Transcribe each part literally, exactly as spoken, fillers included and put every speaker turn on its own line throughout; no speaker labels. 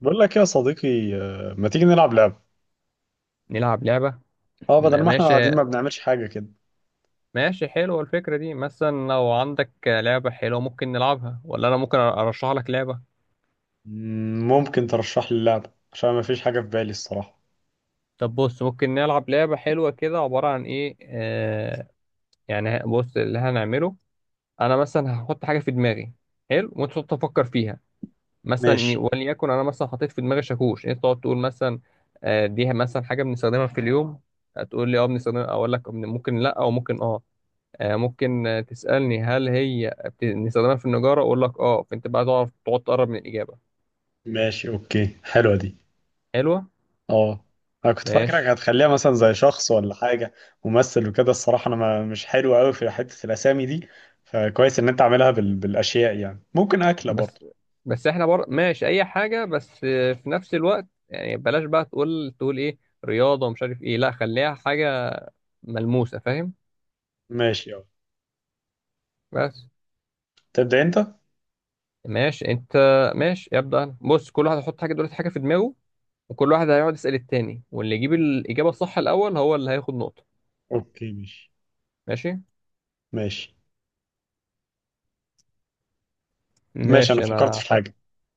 بقول لك يا صديقي آه، ما تيجي نلعب لعبة.
نلعب لعبة.
اه، بدل
م-
ما احنا
ماشي.
قاعدين ما بنعملش حاجة كده.
ماشي، حلوة الفكرة دي. مثلا لو عندك لعبة حلوة ممكن نلعبها، ولا أنا ممكن أرشح لك لعبة؟
مم، ممكن ترشح لي اللعبة عشان ما فيش حاجة في بالي الصراحة.
طب بص، ممكن نلعب لعبة حلوة كده عبارة عن إيه آه يعني ه- بص اللي هنعمله. أنا مثلا هحط حاجة في دماغي، حلو، وأنت تقعد تفكر فيها. مثلا ي-
ماشي.
وليكن أنا مثلا حطيت في دماغي شاكوش، أنت تقعد تقول مثلا: آه دي مثلا حاجة بنستخدمها في اليوم؟ هتقول لي أه بنستخدمها، أقول لك ممكن لأ أو ممكن أه. آه، ممكن آه، تسألني هل هي بت- بنستخدمها في النجارة؟ أقول لك أه، فأنت بقى تعرف تقعد تقرب من الإجابة.
ماشي، اوكي، حلوة دي.
حلوة.
اه، انا كنت فاكرك
ماشي.
هتخليها مثلا زي شخص ولا حاجة، ممثل وكده. الصراحة انا ما مش حلو قوي في حتة الاسامي دي، فكويس ان انت عاملها بال... بالاشياء، يعني ممكن اكلة برضه.
بس بس إحنا بر... ماشي أي حاجة، بس آه، في نفس الوقت يعني بلاش بقى تقول تقول إيه، رياضة ومش عارف إيه. لا، خليها حاجة ملموسة، فاهم؟
ماشي اه.
بس.
تبدأ انت.
ماشي أنت. ماشي، يبدأ أنا. بص، كل واحد هيحط حاجة دلوقتي، حاجة في دماغه، وكل واحد هيقعد يسأل التاني، واللي يجيب الإجابة الصح الأول هو اللي هياخد نقطة.
اوكي ماشي
ماشي.
ماشي. ماشي انا
ماشي
فكرت
أنا
في
حط...
حاجة.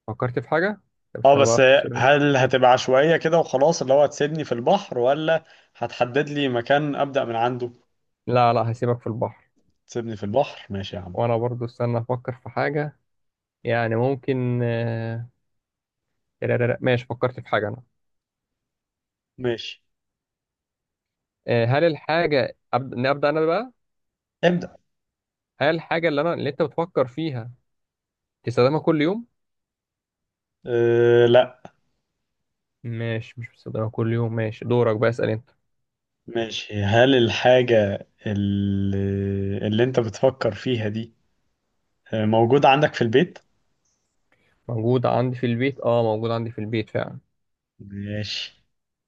فكرت في حاجة. طب
اه
استنى بقى
بس،
أفكر.
هل هتبقى عشوائية كده وخلاص اللي هو هتسيبني في البحر، ولا هتحدد لي مكان أبدأ من عنده؟
لا لا، هسيبك في البحر.
تسيبني في البحر ماشي يا عم.
وانا برضو استنى افكر في حاجة. يعني ممكن آه، لا- لا- لا، ماشي فكرت في حاجة انا.
ماشي،
آه، هل الحاجة أبدأ, ابدأ انا بقى.
ابدأ.
هل الحاجة اللي انا اللي انت بتفكر فيها تستخدمها كل يوم؟
أه لا.
ماشي، مش بستخدمها كل يوم. ماشي، دورك بقى، اسأل انت.
ماشي، هل الحاجة اللي, اللي انت بتفكر فيها دي آه، موجودة عندك في البيت؟
موجودة عندي في البيت، اه موجودة عندي في البيت فعلا.
ماشي.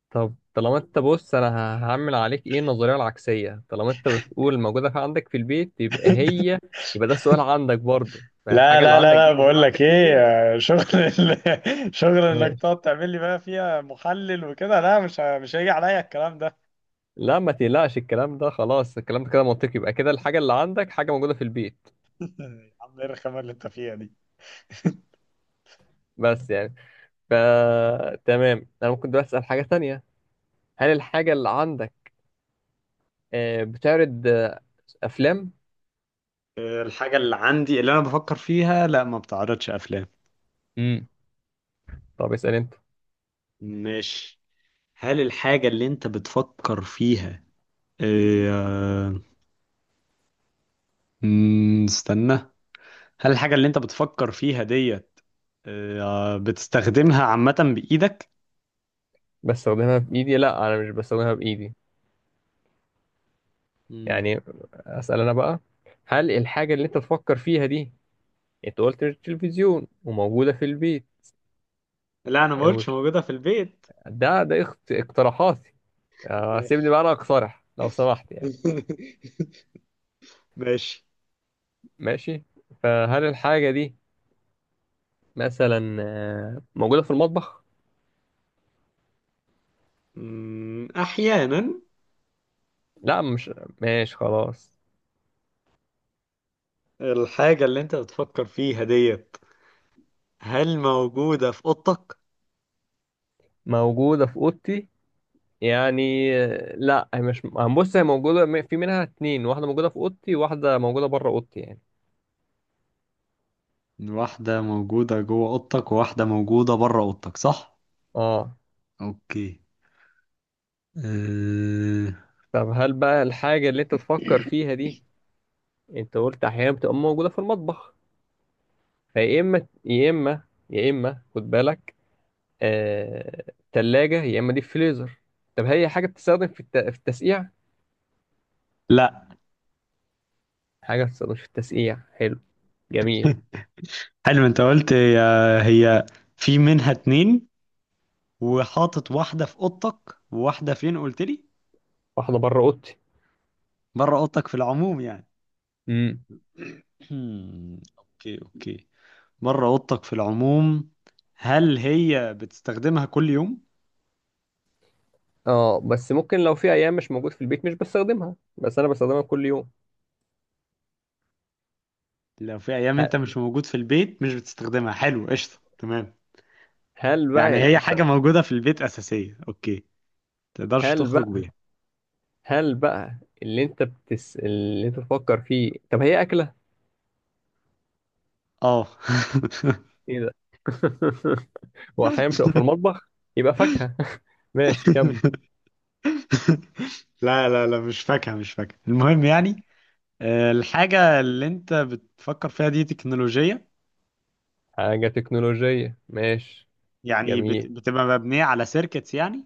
طب طالما انت بص، انا ه- هعمل عليك ايه النظرية العكسية، طالما انت بتقول موجودة في عندك في البيت يبقى هي، يبقى ده السؤال عندك برضو،
لا
فالحاجة اللي
لا لا
عندك
لا،
دي
بقول
موجودة
لك
عندك في
ايه،
البيت.
آه، شغل ال- شغل انك
ماشي.
تقعد تعمل لي بقى فيها محلل وكده، لا مش ه- مش هيجي عليا الكلام ده.
لا ما تقلقش الكلام ده، خلاص الكلام ده كده منطقي، يبقى كده الحاجة اللي عندك حاجة موجودة في البيت.
يا عم ايه الرخامة اللي انت فيها دي.
بس يعني ف، تمام أنا ممكن دلوقتي أسأل حاجة تانية. هل الحاجة اللي عندك آه، بتعرض آه، أفلام؟
الحاجة اللي عندي اللي أنا بفكر فيها لا، ما بتعرضش أفلام.
امم طب اسأل أنت.
مش هل الحاجة اللي أنت بتفكر فيها آه، مم، استنى، هل الحاجة اللي أنت بتفكر فيها ديت آه، بتستخدمها عامة بإيدك؟
بستخدمها بإيدي؟ لا أنا مش بستخدمها بإيدي.
مم.
يعني، أسأل أنا بقى. هل الحاجة اللي أنت بتفكر فيها دي، أنت قلت مش تلفزيون وموجودة في البيت.
لا أنا ما قلتش
وش-
موجودة في البيت.
ده ده اخت- اقتراحاتي. آه، سيبني
ماشي.
بقى أنا أقترح لو سمحت يعني.
ماشي.
ماشي. فهل الحاجة دي مثلا آه، موجودة في المطبخ؟
مم، أحيانا.
لا مش، ماشي خلاص.
الحاجة اللي أنت بتفكر فيها ديت، هل موجودة في أوضتك؟
موجودة في أوضتي، يعني آه، لا هي مش هنبص، هي موجودة م- في منها اتنين، واحدة موجودة في أوضتي وواحدة موجودة بره أوضتي يعني.
واحدة موجودة جوه أوضتك وواحدة موجودة بره أوضتك، صح؟
اه.
أوكي. أه...
طب هل بقى الحاجة اللي أنت تفكر فيها دي، أنت قلت أحيانا بتبقى موجودة في المطبخ، فيا إما يا إما، يا إما خد بالك آه... تلاجة يا إما دي فريزر. طب هي حاجة بتستخدم في الت... في التسقيع؟
لا.
حاجة بتستخدمش في التسقيع، حلو، جميل.
حلو. أنت قلت هي، هي في منها اتنين، وحاطط واحدة في أوضتك وواحدة فين قلت لي؟
واحدة بره أوضتي.
بره أوضتك في العموم يعني.
امم.
هم، أوكي أوكي، بره أوضتك في العموم. هل هي بتستخدمها كل يوم؟
اه بس ممكن لو في أيام مش موجود في البيت مش بستخدمها، بس أنا بستخدمها كل يوم.
لو في أيام أنت
ه-
مش موجود في البيت مش بتستخدمها، حلو قشطة تمام.
هل بقى
يعني
ال-
هي
أنت،
حاجة موجودة في البيت أساسية، أوكي، تقدرش
هل
تخرج
بقى
بيها.
هل بقى اللي أنت بتس اللي أنت تفكر فيه، طب هي أكلة؟
اه.
إيه ده؟ وأحيانا بتبقى في المطبخ، يبقى فاكهة. ماشي كم.
لا لا لا، مش فاكهة، مش فاكهة. المهم يعني، آه، الحاجة اللي انت بتفكر فيها دي تكنولوجية،
حاجة تكنولوجية، ماشي،
يعني بت-
جميل.
بتبقى مبنية على سيركتس يعني.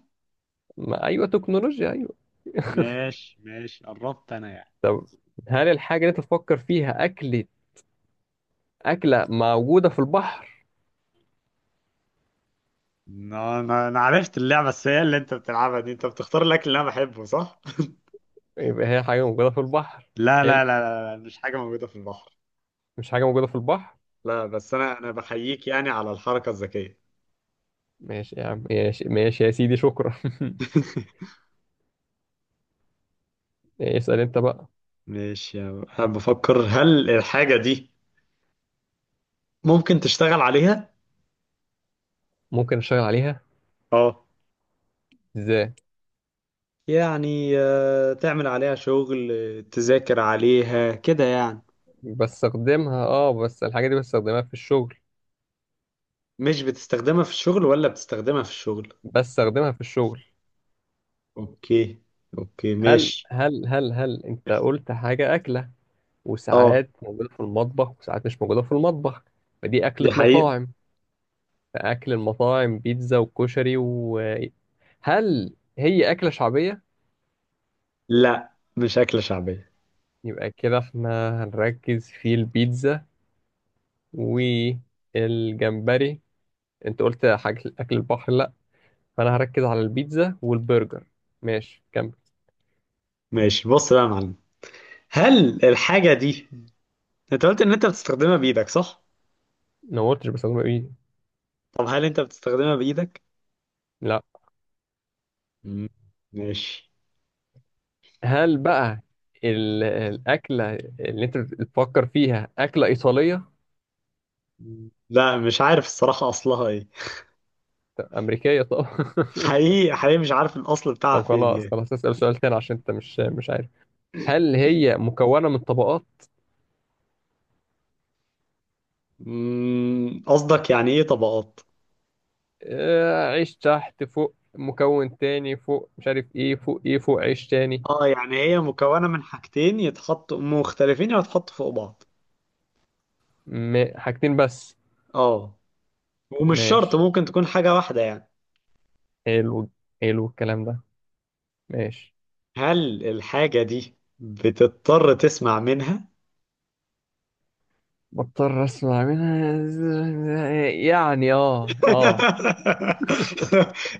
ما أيوة تكنولوجيا، أيوة.
ماشي ماشي، قربت انا يعني.
طب هل الحاجة اللي أنت تفكر فيها أكلة، أكلة موجودة في البحر؟
انا انا أنا عرفت اللعبة السيئة اللي انت بتلعبها دي، انت بتختار الاكل اللي انا بحبه صح؟
يبقى هي حاجة موجودة في البحر.
لا
حلو،
لا لا لا لا، مش حاجة موجودة في البحر.
مش حاجة موجودة في البحر.
لا بس انا انا بحييك يعني على الحركة الذكية.
ماشي يا عم، ماشي ماشي يا سيدي، شكرا. اسأل انت بقى.
ماشي انا بفكر، هل الحاجة دي ممكن تشتغل عليها؟
ممكن اشتغل عليها.
اه،
ازاي؟
يعني آه، تعمل عليها شغل، آه، تذاكر عليها كده يعني.
بستخدمها اه، بس الحاجة دي بستخدمها في الشغل.
مش بتستخدمها في الشغل ولا بتستخدمها في الشغل؟
بستخدمها في الشغل.
اوكي. اوكي
هل
ماشي.
هل هل هل انت قلت حاجة أكلة،
اه.
وساعات موجودة في المطبخ وساعات مش موجودة في المطبخ، فدي أكلة
دي حقيقة.
مطاعم. فأكل المطاعم بيتزا وكشري و، هل هي أكلة شعبية؟
لا مش أكلة شعبية.
يبقى كده احنا هنركز في البيتزا والجمبري، انت قلت حاجة اكل البحر لا، فانا هركز على البيتزا والبرجر. ماشي كمل.
ماشي، بص بقى يا معلم، هل الحاجة دي، انت قلت ان انت بتستخدمها بإيدك صح؟
أنا ما قلتش بستخدمها بايدي،
طب هل انت بتستخدمها بإيدك؟
لا.
مم، ماشي.
هل بقى ال- الاكله اللي انت بتفكر فيها اكله ايطاليه؟
لا مش عارف الصراحة أصلها ايه.
طب امريكيه؟ طب
حقيقي حقيقي مش عارف الأصل بتاعها
طب
فين
خلاص
يعني.
خلاص، اسال سؤال تاني عشان انت مش مش عارف. هل هي مكونه من طبقات؟
مم، قصدك يعني ايه طبقات؟
آه، عيش تحت، فوق مكون تاني، فوق مش عارف ايه، فوق ايه فوق عيش تاني.
اه، يعني هي مكونة من حاجتين يتحطوا مختلفين، يتحطوا فوق بعض.
م- حاجتين بس؟
اه، ومش شرط،
ماشي،
ممكن تكون حاجة واحدة يعني.
حلو، حلو الكلام ده، ماشي.
هل الحاجة دي بتضطر تسمع منها؟
بضطر اسمع منها؟ يعني اه اه.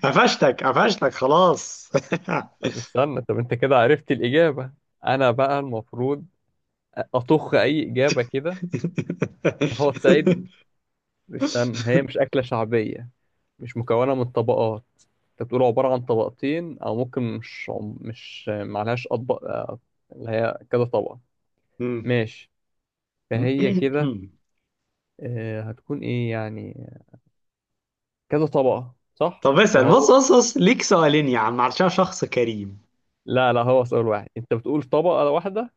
قفشتك قفشتك خلاص.
طب استنى، طب انت كده عرفت الإجابة، انا بقى المفروض اطخ اي إجابة كده هو تساعدني. استنى، هي مش أكلة شعبية، مش مكونة من طبقات، انت بتقول عبارة عن طبقتين او ممكن مش، مش معلهاش اطبق آه، اللي هي كذا طبقة. ماشي. فهي كده آه، هتكون ايه يعني، كذا طبقة صح؟
طب
اللي
اسأل، بص
هو،
بص بص، ليك سؤالين يا عم علشان شخص كريم.
لا لا هو سؤال واحد. انت بتقول طبقة واحدة،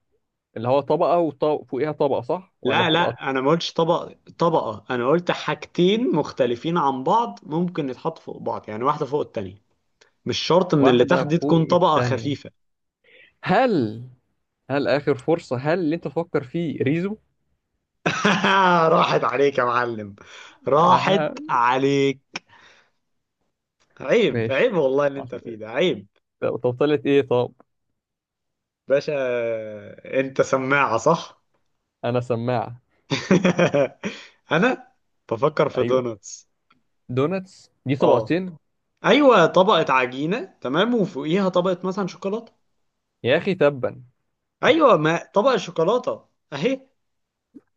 اللي هو طبقة وفوقيها طبقة، صح ولا
لا
بتبقى
لا، انا ما قلتش طبق، طبقه. انا قلت حاجتين مختلفين عن بعض، ممكن يتحطوا فوق بعض يعني، واحده فوق التانية. مش شرط ان اللي
واحدة
تحت دي
فوق
تكون طبقه
التانية؟
خفيفه.
هل هل آخر فرصة، هل اللي انت تفكر فيه ريزو؟
راحت عليك يا معلم، راحت
اها.
عليك. عيب
ماشي.
عيب والله، اللي انت فيه ده عيب.
طب طب طلعت ايه طب؟
باشا، انت سماعه صح.
انا سماعة.
انا بفكر في
ايوه،
دوناتس.
دوناتس دي
اه،
طبقتين.
ايوه، طبقه عجينه تمام وفوقيها طبقه مثلا شوكولاته.
يا اخي تبا.
ايوه ما طبقه شوكولاته، اهي.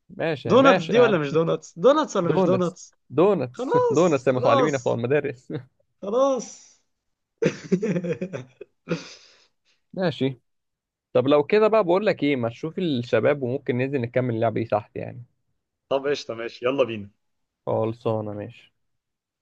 ماشي
دوناتس
ماشي
دي
يا عم.
ولا مش دوناتس؟ دوناتس ولا مش
دوناتس.
دوناتس؟
دوناتس
خلاص
دوناتس يا متعلمين بتوع
خلاص.
المدارس.
خلاص.
ماشي. طب لو كده بقى بقول لك ايه، ما تشوف الشباب وممكن ننزل نكمل اللعبة دي تحت يعني.
طب قشطة ماشي، يلا بينا.
خلصانة ماشي.